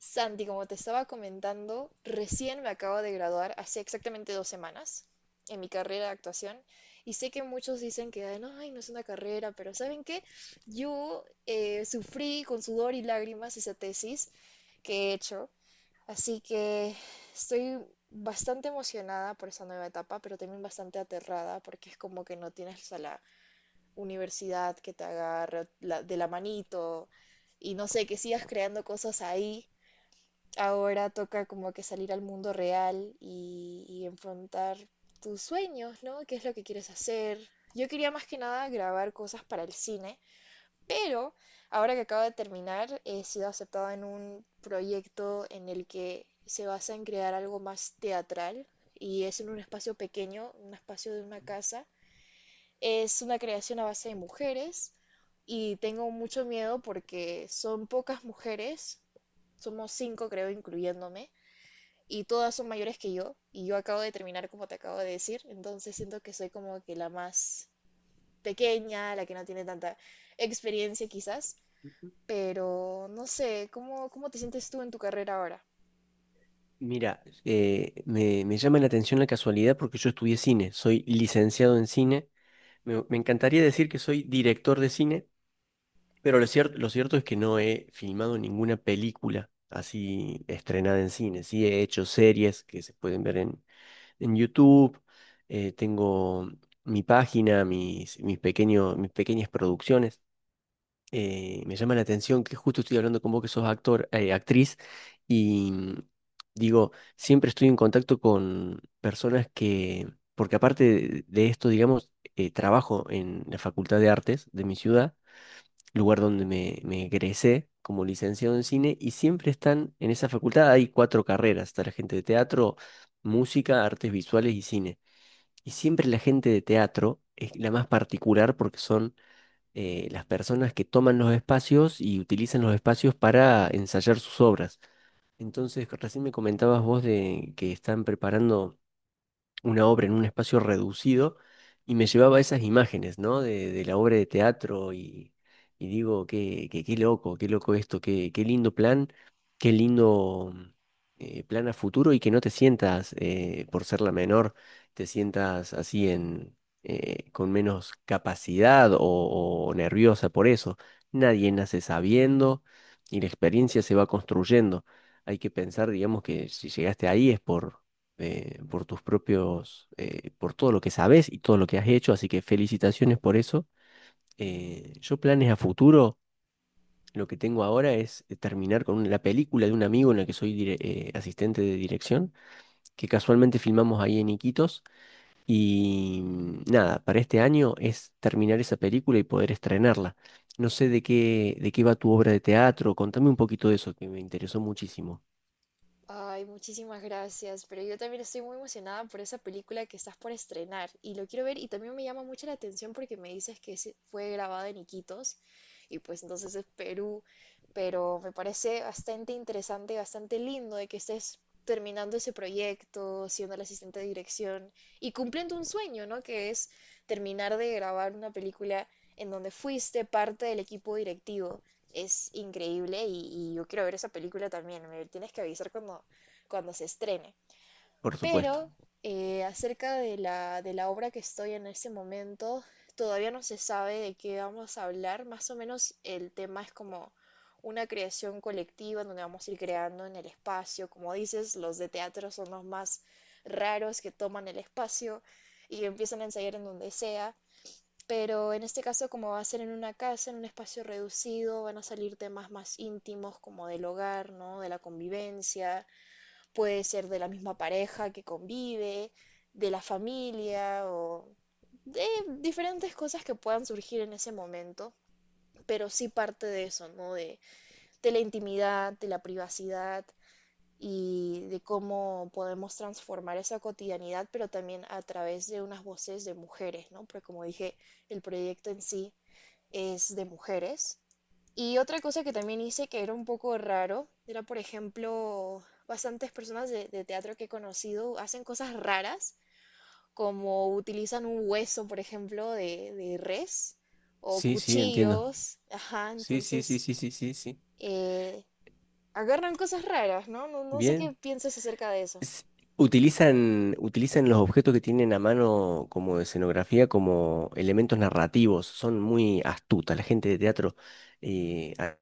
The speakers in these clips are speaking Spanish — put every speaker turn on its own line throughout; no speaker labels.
Santi, como te estaba comentando, recién me acabo de graduar hace exactamente 2 semanas en mi carrera de actuación, y sé que muchos dicen que ay, no es una carrera", pero ¿saben qué? Yo sufrí con sudor y lágrimas esa tesis que he hecho, así que estoy bastante emocionada por esa nueva etapa, pero también bastante aterrada porque es como que no tienes a la universidad que te agarre de la manito y no sé, que sigas creando cosas ahí. Ahora toca como que salir al mundo real y enfrentar tus sueños, ¿no? ¿Qué es lo que quieres hacer? Yo quería más que nada grabar cosas para el cine, pero ahora que acabo de terminar, he sido aceptada en un proyecto en el que se basa en crear algo más teatral y es en un espacio pequeño, un espacio de una casa. Es una creación a base de mujeres y tengo mucho miedo porque son pocas mujeres, somos cinco creo incluyéndome, y todas son mayores que yo, y yo acabo de terminar como te acabo de decir. Entonces siento que soy como que la más pequeña, la que no tiene tanta experiencia quizás, pero no sé, ¿cómo te sientes tú en tu carrera ahora?
Mira, me llama la atención la casualidad porque yo estudié cine, soy licenciado en cine. Me encantaría decir que soy director de cine, pero lo cierto es que no he filmado ninguna película así estrenada en cine. Sí he hecho series que se pueden ver en YouTube. Tengo mi página, mis pequeños, mis pequeñas producciones. Me llama la atención que justo estoy hablando con vos que sos actor, actriz, y mm, digo, siempre estoy en contacto con personas que, porque aparte de esto, digamos, trabajo en la Facultad de Artes de mi ciudad, lugar donde me egresé como licenciado en cine, y siempre están en esa facultad, hay cuatro carreras, está la gente de teatro, música, artes visuales y cine. Y siempre la gente de teatro es la más particular porque son las personas que toman los espacios y utilizan los espacios para ensayar sus obras. Entonces, recién me comentabas vos de que están preparando una obra en un espacio reducido y me llevaba esas imágenes, ¿no? De la obra de teatro y digo, qué loco esto, qué lindo plan a futuro y que no te sientas, por ser la menor, te sientas así en... con menos capacidad o nerviosa por eso. Nadie nace sabiendo y la experiencia se va construyendo. Hay que pensar, digamos, que si llegaste ahí es por tus propios, por todo lo que sabes y todo lo que has hecho, así que felicitaciones por eso. Yo planes a futuro, lo que tengo ahora es terminar con la película de un amigo en la que soy asistente de dirección, que casualmente filmamos ahí en Iquitos, nada, para este año es terminar esa película y poder estrenarla. No sé de qué va tu obra de teatro, contame un poquito de eso, que me interesó muchísimo,
Ay, muchísimas gracias, pero yo también estoy muy emocionada por esa película que estás por estrenar y lo quiero ver, y también me llama mucho la atención porque me dices que fue grabada en Iquitos y pues entonces es Perú, pero me parece bastante interesante, bastante lindo de que estés terminando ese proyecto, siendo el asistente de dirección y cumpliendo un sueño, ¿no? Que es terminar de grabar una película en donde fuiste parte del equipo directivo es increíble, y yo quiero ver esa película también. Me tienes que avisar cuando se estrene.
por supuesto.
Pero acerca de de la obra que estoy en este momento, todavía no se sabe de qué vamos a hablar. Más o menos el tema es como una creación colectiva en donde vamos a ir creando en el espacio. Como dices, los de teatro son los más raros, que toman el espacio y empiezan a ensayar en donde sea. Pero en este caso, como va a ser en una casa, en un espacio reducido, van a salir temas más íntimos como del hogar, ¿no? De la convivencia, puede ser de la misma pareja que convive, de la familia o de diferentes cosas que puedan surgir en ese momento, pero sí parte de eso, ¿no? De la intimidad, de la privacidad y de cómo podemos transformar esa cotidianidad, pero también a través de unas voces de mujeres, ¿no? Porque como dije, el proyecto en sí es de mujeres. Y otra cosa que también hice que era un poco raro, era por ejemplo, bastantes personas de teatro que he conocido hacen cosas raras, como utilizan un hueso, por ejemplo, de res o
Sí, sí, entiendo.
cuchillos, ajá,
Sí, sí, sí,
entonces
sí, sí, sí, sí.
eh, agarran cosas raras, ¿no? ¿no? No sé qué
Bien.
piensas acerca de eso.
s- Utilizan, utilizan los objetos que tienen a mano como escenografía, como elementos narrativos. Son muy astutas la gente de teatro, eh, a-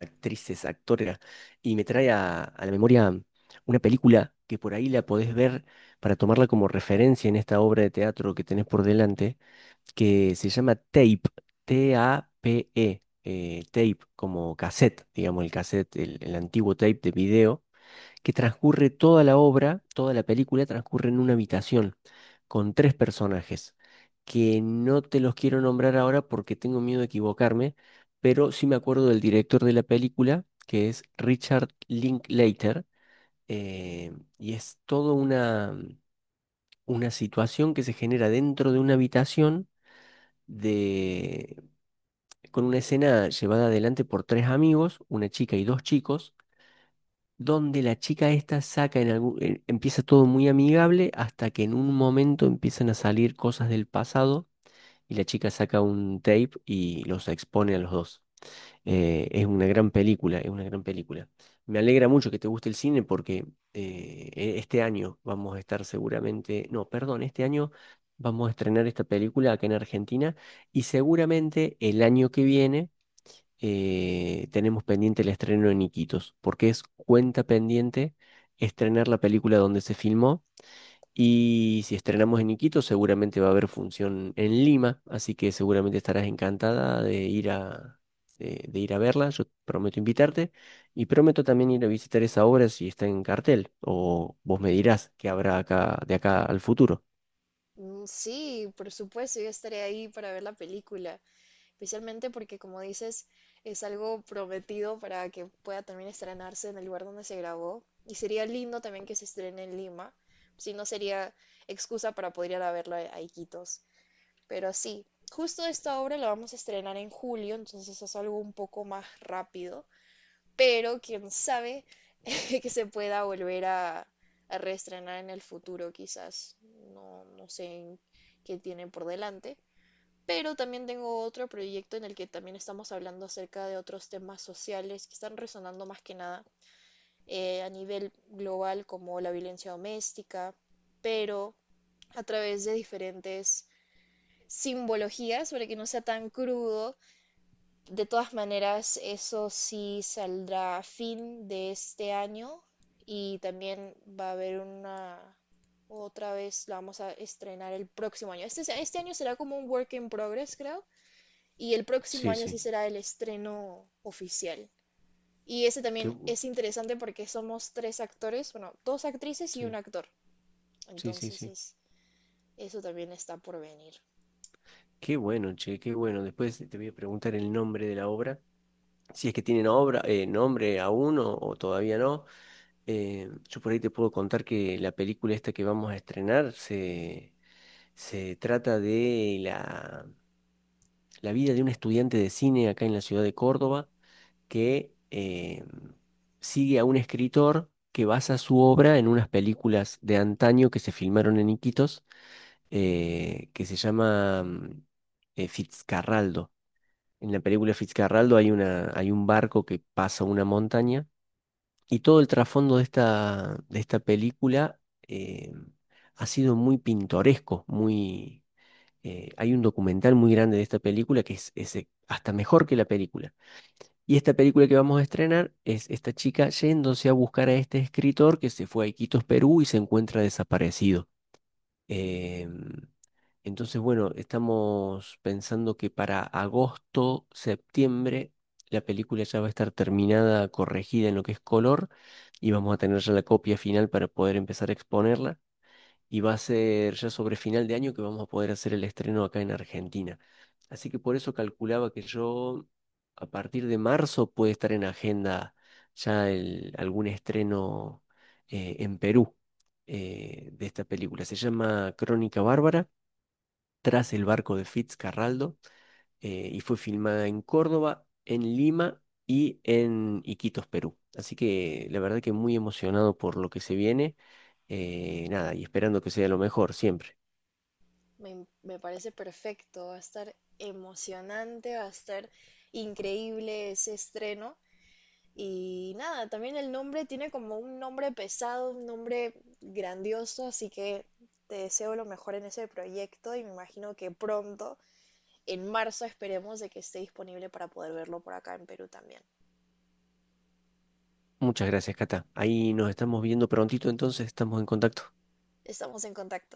actrices, actores. Y me trae a la memoria una película que por ahí la podés ver para tomarla como referencia en esta obra de teatro que tenés por delante, que se llama Tape, TAPE, Tape, como cassette, digamos, el cassette, el antiguo tape de video, que transcurre toda la obra, toda la película transcurre en una habitación con tres personajes, que no te los quiero nombrar ahora porque tengo miedo de equivocarme, pero sí me acuerdo del director de la película, que es Richard Linklater. eh, y es toda una, una situación que se genera dentro de una habitación de, con una escena llevada adelante por tres amigos, una chica y dos chicos, donde la chica esta saca en algún, empieza todo muy amigable hasta que en un momento empiezan a salir cosas del pasado y la chica saca un tape y los expone a los dos. Es una gran película, es una gran película. Me alegra mucho que te guste el cine porque este año vamos a estar seguramente, no, perdón, este año vamos a estrenar esta película acá en Argentina y seguramente el año que viene tenemos pendiente el estreno en Iquitos, porque es cuenta pendiente estrenar la película donde se filmó. Y si estrenamos en Iquitos, seguramente va a haber función en Lima, así que seguramente estarás encantada de ir de ir a verla. Yo prometo invitarte y prometo también ir a visitar esa obra si está en cartel, o vos me dirás que habrá acá, de acá al futuro.
Mm, sí, por supuesto, yo estaré ahí para ver la película, especialmente porque, como dices, es algo prometido para que pueda también estrenarse en el lugar donde se grabó. Y sería lindo también que se estrene en Lima, si no sería excusa para poder ir a verlo a Iquitos. Pero sí, justo esta obra la vamos a estrenar en julio, entonces es algo un poco más rápido, pero quién sabe que se pueda volver a reestrenar en el futuro, quizás. No, no sé en qué tiene por delante, pero también tengo otro proyecto en el que también estamos hablando acerca de otros temas sociales que están resonando más que nada a nivel global, como la violencia doméstica, pero a través de diferentes simbologías para que no sea tan crudo. De todas maneras, eso sí saldrá a fin de este año y también va a haber una, otra vez la vamos a estrenar el próximo año. Este año será como un work in progress, creo, y el próximo
Sí,
año sí
sí.
será el estreno oficial. Y ese
Qué
también
bu-
es interesante porque somos tres actores, bueno, dos actrices y un
sí,
actor.
sí, sí,
Entonces
sí.
es, eso también está por venir.
Qué bueno, che, qué bueno. Después te voy a preguntar el nombre de la obra si es que tienen obra, nombre aún o todavía no. Yo por ahí te puedo contar que la película esta que vamos a estrenar se trata de la vida de un estudiante de cine acá en la ciudad de Córdoba que sigue a un escritor que basa su obra en unas películas de antaño que se filmaron en Iquitos, que se llama Fitzcarraldo. En la película Fitzcarraldo hay una, hay un barco que pasa una montaña. Y todo el trasfondo de esta película eh, ha sido muy pintoresco, muy... hay un documental muy grande de esta película que es, hasta mejor que la película. Y esta película que vamos a estrenar es esta chica yéndose a buscar a este escritor que se fue a Iquitos, Perú, y se encuentra desaparecido. Em, entonces, bueno, estamos pensando que para agosto, septiembre, la película ya va a estar terminada, corregida en lo que es color, y vamos a tener ya la copia final para poder empezar a exponerla. Y va a ser ya sobre final de año que vamos a poder hacer el estreno acá en Argentina. Así que por eso calculaba que yo a partir de marzo puede estar en agenda ya algún estreno en Perú, de esta película. Se llama Crónica Bárbara. Tras el barco de Fitzcarraldo. Y fue filmada en Córdoba, en Lima y en Iquitos, Perú. Así que la verdad que muy emocionado por lo que se viene. Nada, y esperando que sea lo mejor siempre.
Me parece perfecto, va a estar emocionante, va a estar increíble ese estreno. Y nada, también el nombre tiene como un nombre pesado, un nombre grandioso, así que te deseo lo mejor en ese proyecto y me imagino que pronto en marzo esperemos de que esté disponible para poder verlo por acá en Perú también.
Muchas gracias, Cata. Ahí nos estamos viendo prontito, entonces estamos en contacto.
Estamos en contacto.